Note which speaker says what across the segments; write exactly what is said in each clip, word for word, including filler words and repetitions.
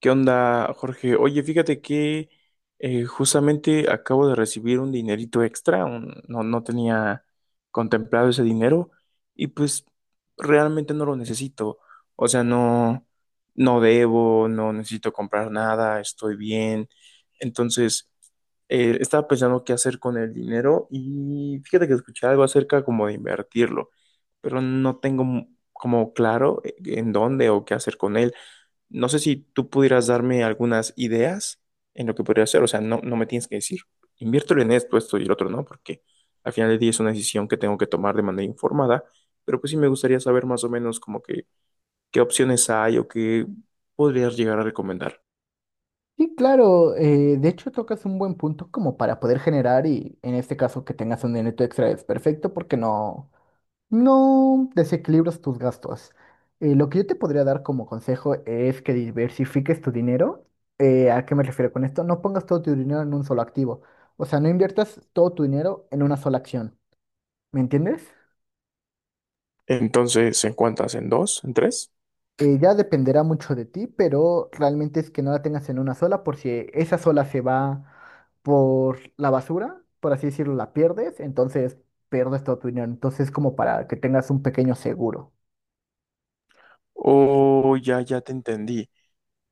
Speaker 1: ¿Qué onda, Jorge? Oye, fíjate que eh, justamente acabo de recibir un dinerito extra, un- no, no tenía contemplado ese dinero y pues realmente no lo necesito. O sea, no, no debo, no necesito comprar nada, estoy bien. Entonces, eh, estaba pensando qué hacer con el dinero y fíjate que escuché algo acerca como de invertirlo, pero no tengo mu- como claro, eh, en dónde o qué hacer con él. No sé si tú pudieras darme algunas ideas en lo que podría hacer. O sea, no, no me tienes que decir, inviértelo en esto, esto y el otro, no, porque al final del día es una decisión que tengo que tomar de manera informada. Pero pues sí me gustaría saber más o menos como que qué opciones hay o qué podrías llegar a recomendar.
Speaker 2: Sí, claro, eh, de hecho tocas un buen punto como para poder generar y en este caso que tengas un dinero extra es perfecto porque no, no desequilibras tus gastos. Eh, lo que yo te podría dar como consejo es que diversifiques tu dinero. Eh, ¿a qué me refiero con esto? No pongas todo tu dinero en un solo activo. O sea, no inviertas todo tu dinero en una sola acción. ¿Me entiendes?
Speaker 1: Entonces, ¿en cuántas? ¿En dos? ¿En tres?
Speaker 2: Eh, ya dependerá mucho de ti, pero realmente es que no la tengas en una sola, por si esa sola se va por la basura, por así decirlo, la pierdes, entonces pierdes toda tu dinero. Entonces, como para que tengas un pequeño seguro.
Speaker 1: Oh, ya, ya te entendí.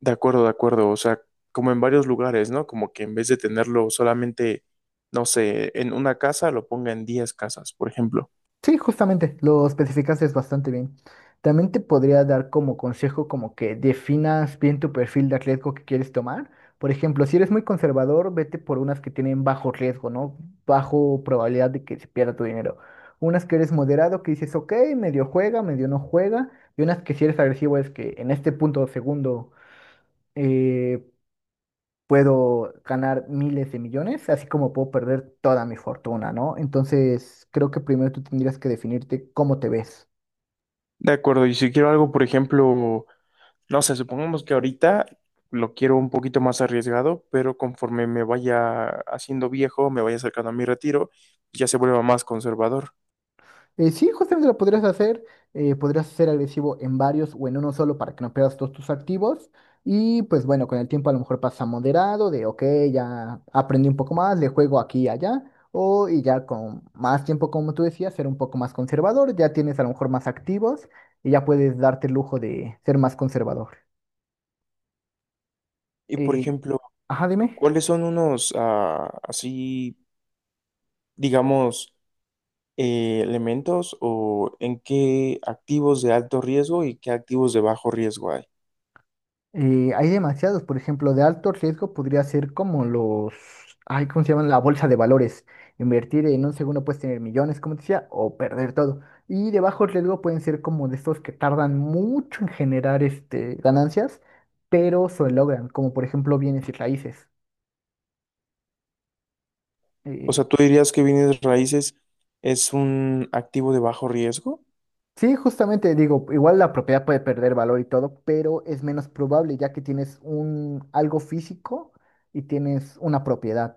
Speaker 1: De acuerdo, de acuerdo. O sea, como en varios lugares, ¿no? Como que en vez de tenerlo solamente, no sé, en una casa, lo ponga en diez casas, por ejemplo.
Speaker 2: Sí, justamente, lo especificaste bastante bien. También te podría dar como consejo como que definas bien tu perfil de riesgo que quieres tomar. Por ejemplo, si eres muy conservador, vete por unas que tienen bajo riesgo, ¿no? Bajo probabilidad de que se pierda tu dinero. Unas que eres moderado, que dices, ok, medio juega, medio no juega. Y unas que si eres agresivo es que en este punto segundo eh, puedo ganar miles de millones, así como puedo perder toda mi fortuna, ¿no? Entonces, creo que primero tú tendrías que definirte cómo te ves.
Speaker 1: De acuerdo, y si quiero algo, por ejemplo, no sé, supongamos que ahorita lo quiero un poquito más arriesgado, pero conforme me vaya haciendo viejo, me vaya acercando a mi retiro, ya se vuelva más conservador.
Speaker 2: Eh, sí, justamente lo podrías hacer, eh, podrías ser agresivo en varios o en uno solo para que no pierdas todos tus activos. Y pues bueno, con el tiempo a lo mejor pasa moderado, de ok, ya aprendí un poco más, le juego aquí y allá. O y ya con más tiempo, como tú decías, ser un poco más conservador, ya tienes a lo mejor más activos y ya puedes darte el lujo de ser más conservador.
Speaker 1: Y por
Speaker 2: Eh,
Speaker 1: ejemplo,
Speaker 2: ajá, dime.
Speaker 1: ¿cuáles son unos ah, así, digamos, eh, elementos o en qué activos de alto riesgo y qué activos de bajo riesgo hay?
Speaker 2: Eh, hay demasiados, por ejemplo, de alto riesgo podría ser como los, ay, ¿cómo se llaman? La bolsa de valores. Invertir en un segundo puedes tener millones, como te decía, o perder todo. Y de bajo riesgo pueden ser como de estos que tardan mucho en generar este, ganancias, pero se logran, como por ejemplo bienes y raíces.
Speaker 1: O
Speaker 2: Eh,
Speaker 1: sea, ¿tú dirías que bienes raíces es un activo de bajo riesgo?
Speaker 2: sí, justamente digo, igual la propiedad puede perder valor y todo, pero es menos probable ya que tienes un algo físico y tienes una propiedad.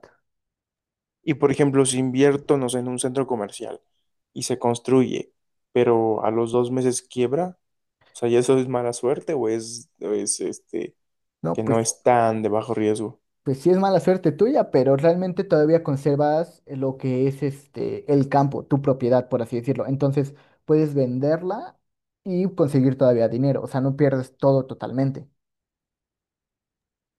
Speaker 1: Y por ejemplo, si invierto, no sé, en un centro comercial y se construye, pero a los dos meses quiebra, o sea, ¿ya eso es mala suerte o es, o es este,
Speaker 2: No,
Speaker 1: que no
Speaker 2: pues
Speaker 1: es tan de bajo riesgo?
Speaker 2: pues sí es mala suerte tuya, pero realmente todavía conservas lo que es este el campo, tu propiedad, por así decirlo. Entonces puedes venderla y conseguir todavía dinero. O sea, no pierdes todo totalmente.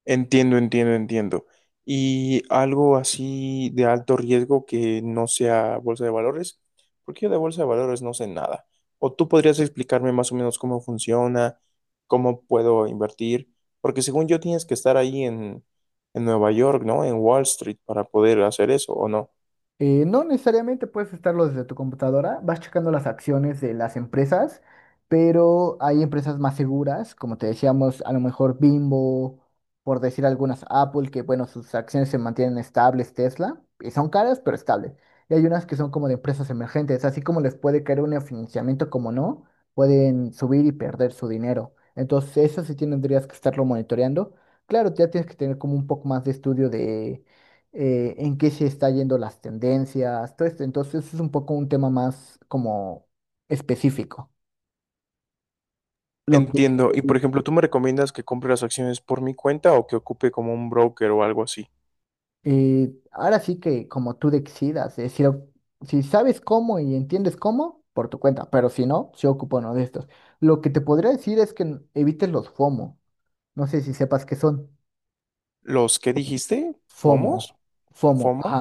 Speaker 1: Entiendo, entiendo, entiendo. Y algo así de alto riesgo que no sea bolsa de valores, porque yo de bolsa de valores no sé nada. O tú podrías explicarme más o menos cómo funciona, cómo puedo invertir, porque según yo tienes que estar ahí en, en Nueva York, ¿no? En Wall Street para poder hacer eso, ¿o no?
Speaker 2: Eh, no necesariamente puedes estarlo desde tu computadora, vas checando las acciones de las empresas, pero hay empresas más seguras, como te decíamos, a lo mejor Bimbo, por decir algunas, Apple, que bueno, sus acciones se mantienen estables, Tesla, y son caras, pero estables. Y hay unas que son como de empresas emergentes, así como les puede caer un financiamiento, como no, pueden subir y perder su dinero. Entonces, eso sí tendrías que estarlo monitoreando. Claro, ya tienes que tener como un poco más de estudio de eh, en qué se está yendo las tendencias, todo esto. Entonces es un poco un tema más como específico. Lo que
Speaker 1: Entiendo. Y por ejemplo, ¿tú me recomiendas que compre las acciones por mi cuenta o que ocupe como un broker o algo así?
Speaker 2: eh, ahora sí que como tú decidas, eh, si, lo- si sabes cómo y entiendes cómo, por tu cuenta, pero si no, yo ocupo uno de estos. Lo que te podría decir es que n- evites los F O M O. No sé si sepas qué son.
Speaker 1: ¿Los que dijiste?
Speaker 2: F O M O,
Speaker 1: ¿POMOS?
Speaker 2: F O M O,
Speaker 1: ¿FOMO?
Speaker 2: ajá.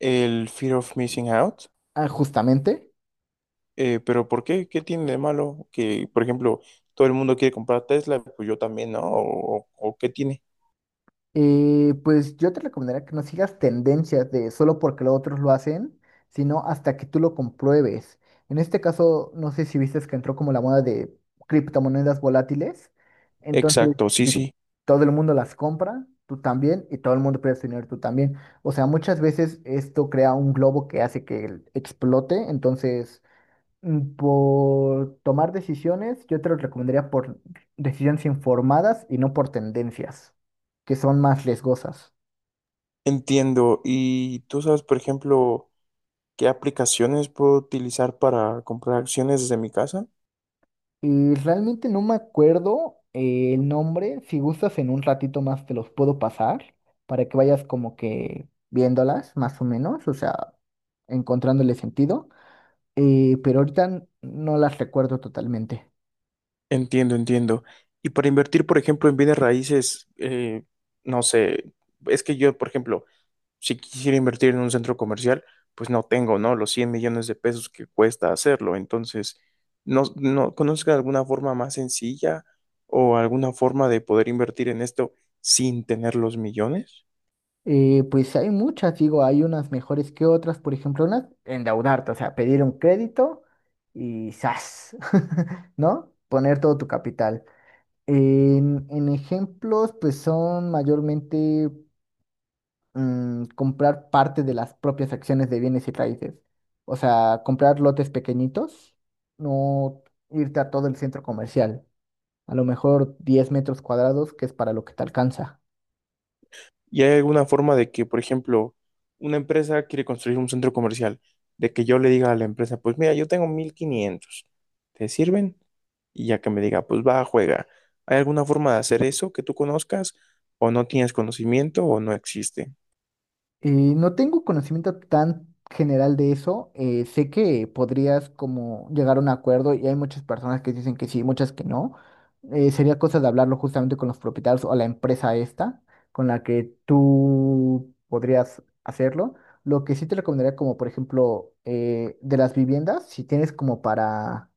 Speaker 1: ¿El Fear of Missing Out?
Speaker 2: Ah, justamente.
Speaker 1: Eh, pero ¿por qué? ¿Qué tiene de malo? Que, por ejemplo, todo el mundo quiere comprar Tesla, pues yo también, ¿no? ¿O, o qué tiene?
Speaker 2: Eh, pues yo te recomendaría que no sigas tendencias de solo porque los otros lo hacen, sino hasta que tú lo compruebes. En este caso, no sé si viste que entró como la moda de criptomonedas volátiles. Entonces,
Speaker 1: Exacto, sí,
Speaker 2: si
Speaker 1: sí,
Speaker 2: todo el mundo las compra, tú también, y todo el mundo pierde su dinero, tú también. O sea, muchas veces esto crea un globo que hace que explote. Entonces, Mm, por tomar decisiones, yo te lo recomendaría por decisiones informadas y no por tendencias, que son más riesgosas.
Speaker 1: entiendo. ¿Y tú sabes, por ejemplo, qué aplicaciones puedo utilizar para comprar acciones desde mi casa?
Speaker 2: Y realmente no me acuerdo eh, el nombre. Si gustas, en un ratito más te los puedo pasar para que vayas como que viéndolas, más o menos, o sea, encontrándole sentido. Eh, pero ahorita n- no las recuerdo totalmente.
Speaker 1: Entiendo, entiendo. Y para invertir, por ejemplo, en bienes raíces, eh, no sé, es que yo, por ejemplo, si quisiera invertir en un centro comercial, pues no tengo, ¿no? Los cien millones de pesos que cuesta hacerlo. Entonces, ¿no, no conozca alguna forma más sencilla o alguna forma de poder invertir en esto sin tener los millones?
Speaker 2: Eh, pues hay muchas, digo, hay unas mejores que otras, por ejemplo, unas endeudarte, o sea, pedir un crédito y ¡zas! ¿no? Poner todo tu capital. En, en ejemplos, pues son mayormente mm, comprar parte de las propias acciones de bienes y raíces, o sea, comprar lotes pequeñitos, no irte a todo el centro comercial, a lo mejor diez metros cuadrados, que es para lo que te alcanza.
Speaker 1: ¿Y hay alguna forma de que, por ejemplo, una empresa quiere construir un centro comercial, de que yo le diga a la empresa, pues mira, yo tengo mil quinientos, ¿te sirven? Y ya que me diga, pues va, juega. ¿Hay alguna forma de hacer eso que tú conozcas o no tienes conocimiento o no existe?
Speaker 2: Eh, no tengo conocimiento tan general de eso. Eh, sé que podrías como llegar a un acuerdo y hay muchas personas que dicen que sí, muchas que no. Eh, sería cosa de hablarlo justamente con los propietarios o la empresa esta con la que tú podrías hacerlo. Lo que sí te recomendaría como por ejemplo eh, de las viviendas, si tienes como para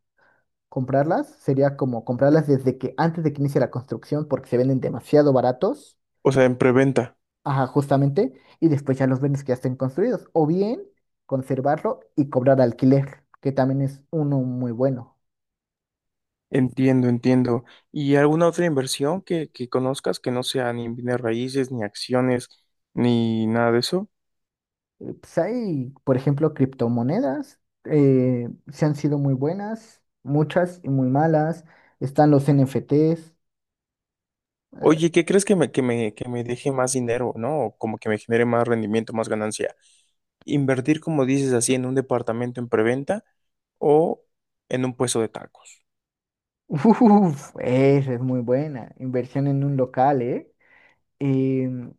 Speaker 2: comprarlas, sería como comprarlas desde que antes de que inicie la construcción porque se venden demasiado baratos.
Speaker 1: O sea, en preventa.
Speaker 2: Ajá, justamente, y después ya los vendes que ya estén construidos, o bien conservarlo y cobrar alquiler, que también es uno muy bueno.
Speaker 1: Entiendo, entiendo. ¿Y alguna otra inversión que, que conozcas que no sea ni bienes raíces, ni acciones, ni nada de eso?
Speaker 2: Eh, Pues hay, por ejemplo, criptomonedas, eh, se han sido muy buenas, muchas y muy malas. Están los N F Ts, eh,
Speaker 1: Oye, ¿qué crees que me, que me, que me deje más dinero, ¿no? O como que me genere más rendimiento, más ganancia. Invertir, como dices así, en un departamento en preventa o en un puesto de tacos.
Speaker 2: uf, esa es muy buena, inversión en un local, ¿eh? Em,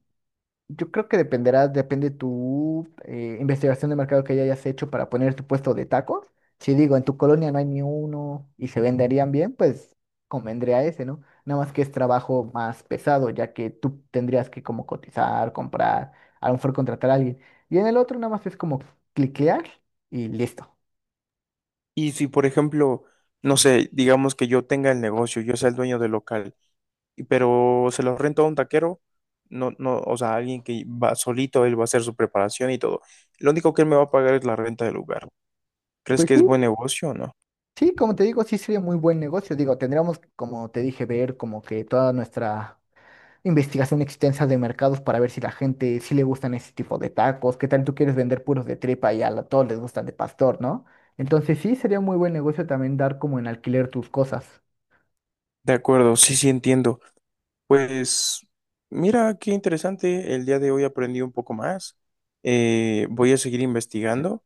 Speaker 2: Yo creo que dependerá, depende tu eh, investigación de mercado que ya hayas hecho para poner tu puesto de tacos. Si digo, en tu colonia no hay ni uno y se venderían bien, pues convendría ese, ¿no? Nada más que es trabajo más pesado, ya que tú tendrías que como cotizar, comprar, a lo mejor contratar a alguien. Y en el otro nada más es como cliquear y listo.
Speaker 1: Y si, por ejemplo, no sé, digamos que yo tenga el negocio, yo sea el dueño del local, pero se los rento a un taquero, no, no, o sea, alguien que va solito, él va a hacer su preparación y todo. Lo único que él me va a pagar es la renta del lugar. ¿Crees
Speaker 2: Pues
Speaker 1: que es
Speaker 2: sí,
Speaker 1: buen negocio o no?
Speaker 2: sí, como te digo, sí sería muy buen negocio. Digo, tendríamos, como te dije, ver como que toda nuestra investigación extensa de mercados para ver si la gente, sí le gustan ese tipo de tacos, qué tal tú quieres vender puros de tripa y a la- todos les gustan de pastor, ¿no? Entonces sí, sería muy buen negocio también dar como en alquiler tus cosas.
Speaker 1: De acuerdo, sí, sí entiendo. Pues mira, qué interesante, el día de hoy aprendí un poco más. Eh, voy a seguir investigando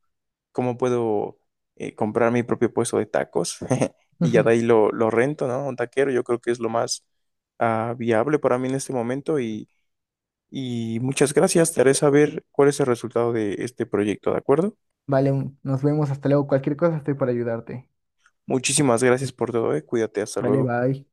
Speaker 1: cómo puedo eh, comprar mi propio puesto de tacos y ya de ahí lo, lo rento, ¿no? Un taquero, yo creo que es lo más ah, viable para mí en este momento y Y muchas gracias, te haré saber cuál es el resultado de este proyecto, ¿de acuerdo?
Speaker 2: Vale, nos vemos, hasta luego. Cualquier cosa estoy para ayudarte.
Speaker 1: Muchísimas gracias por todo, eh. Cuídate, hasta
Speaker 2: Vale,
Speaker 1: luego.
Speaker 2: bye.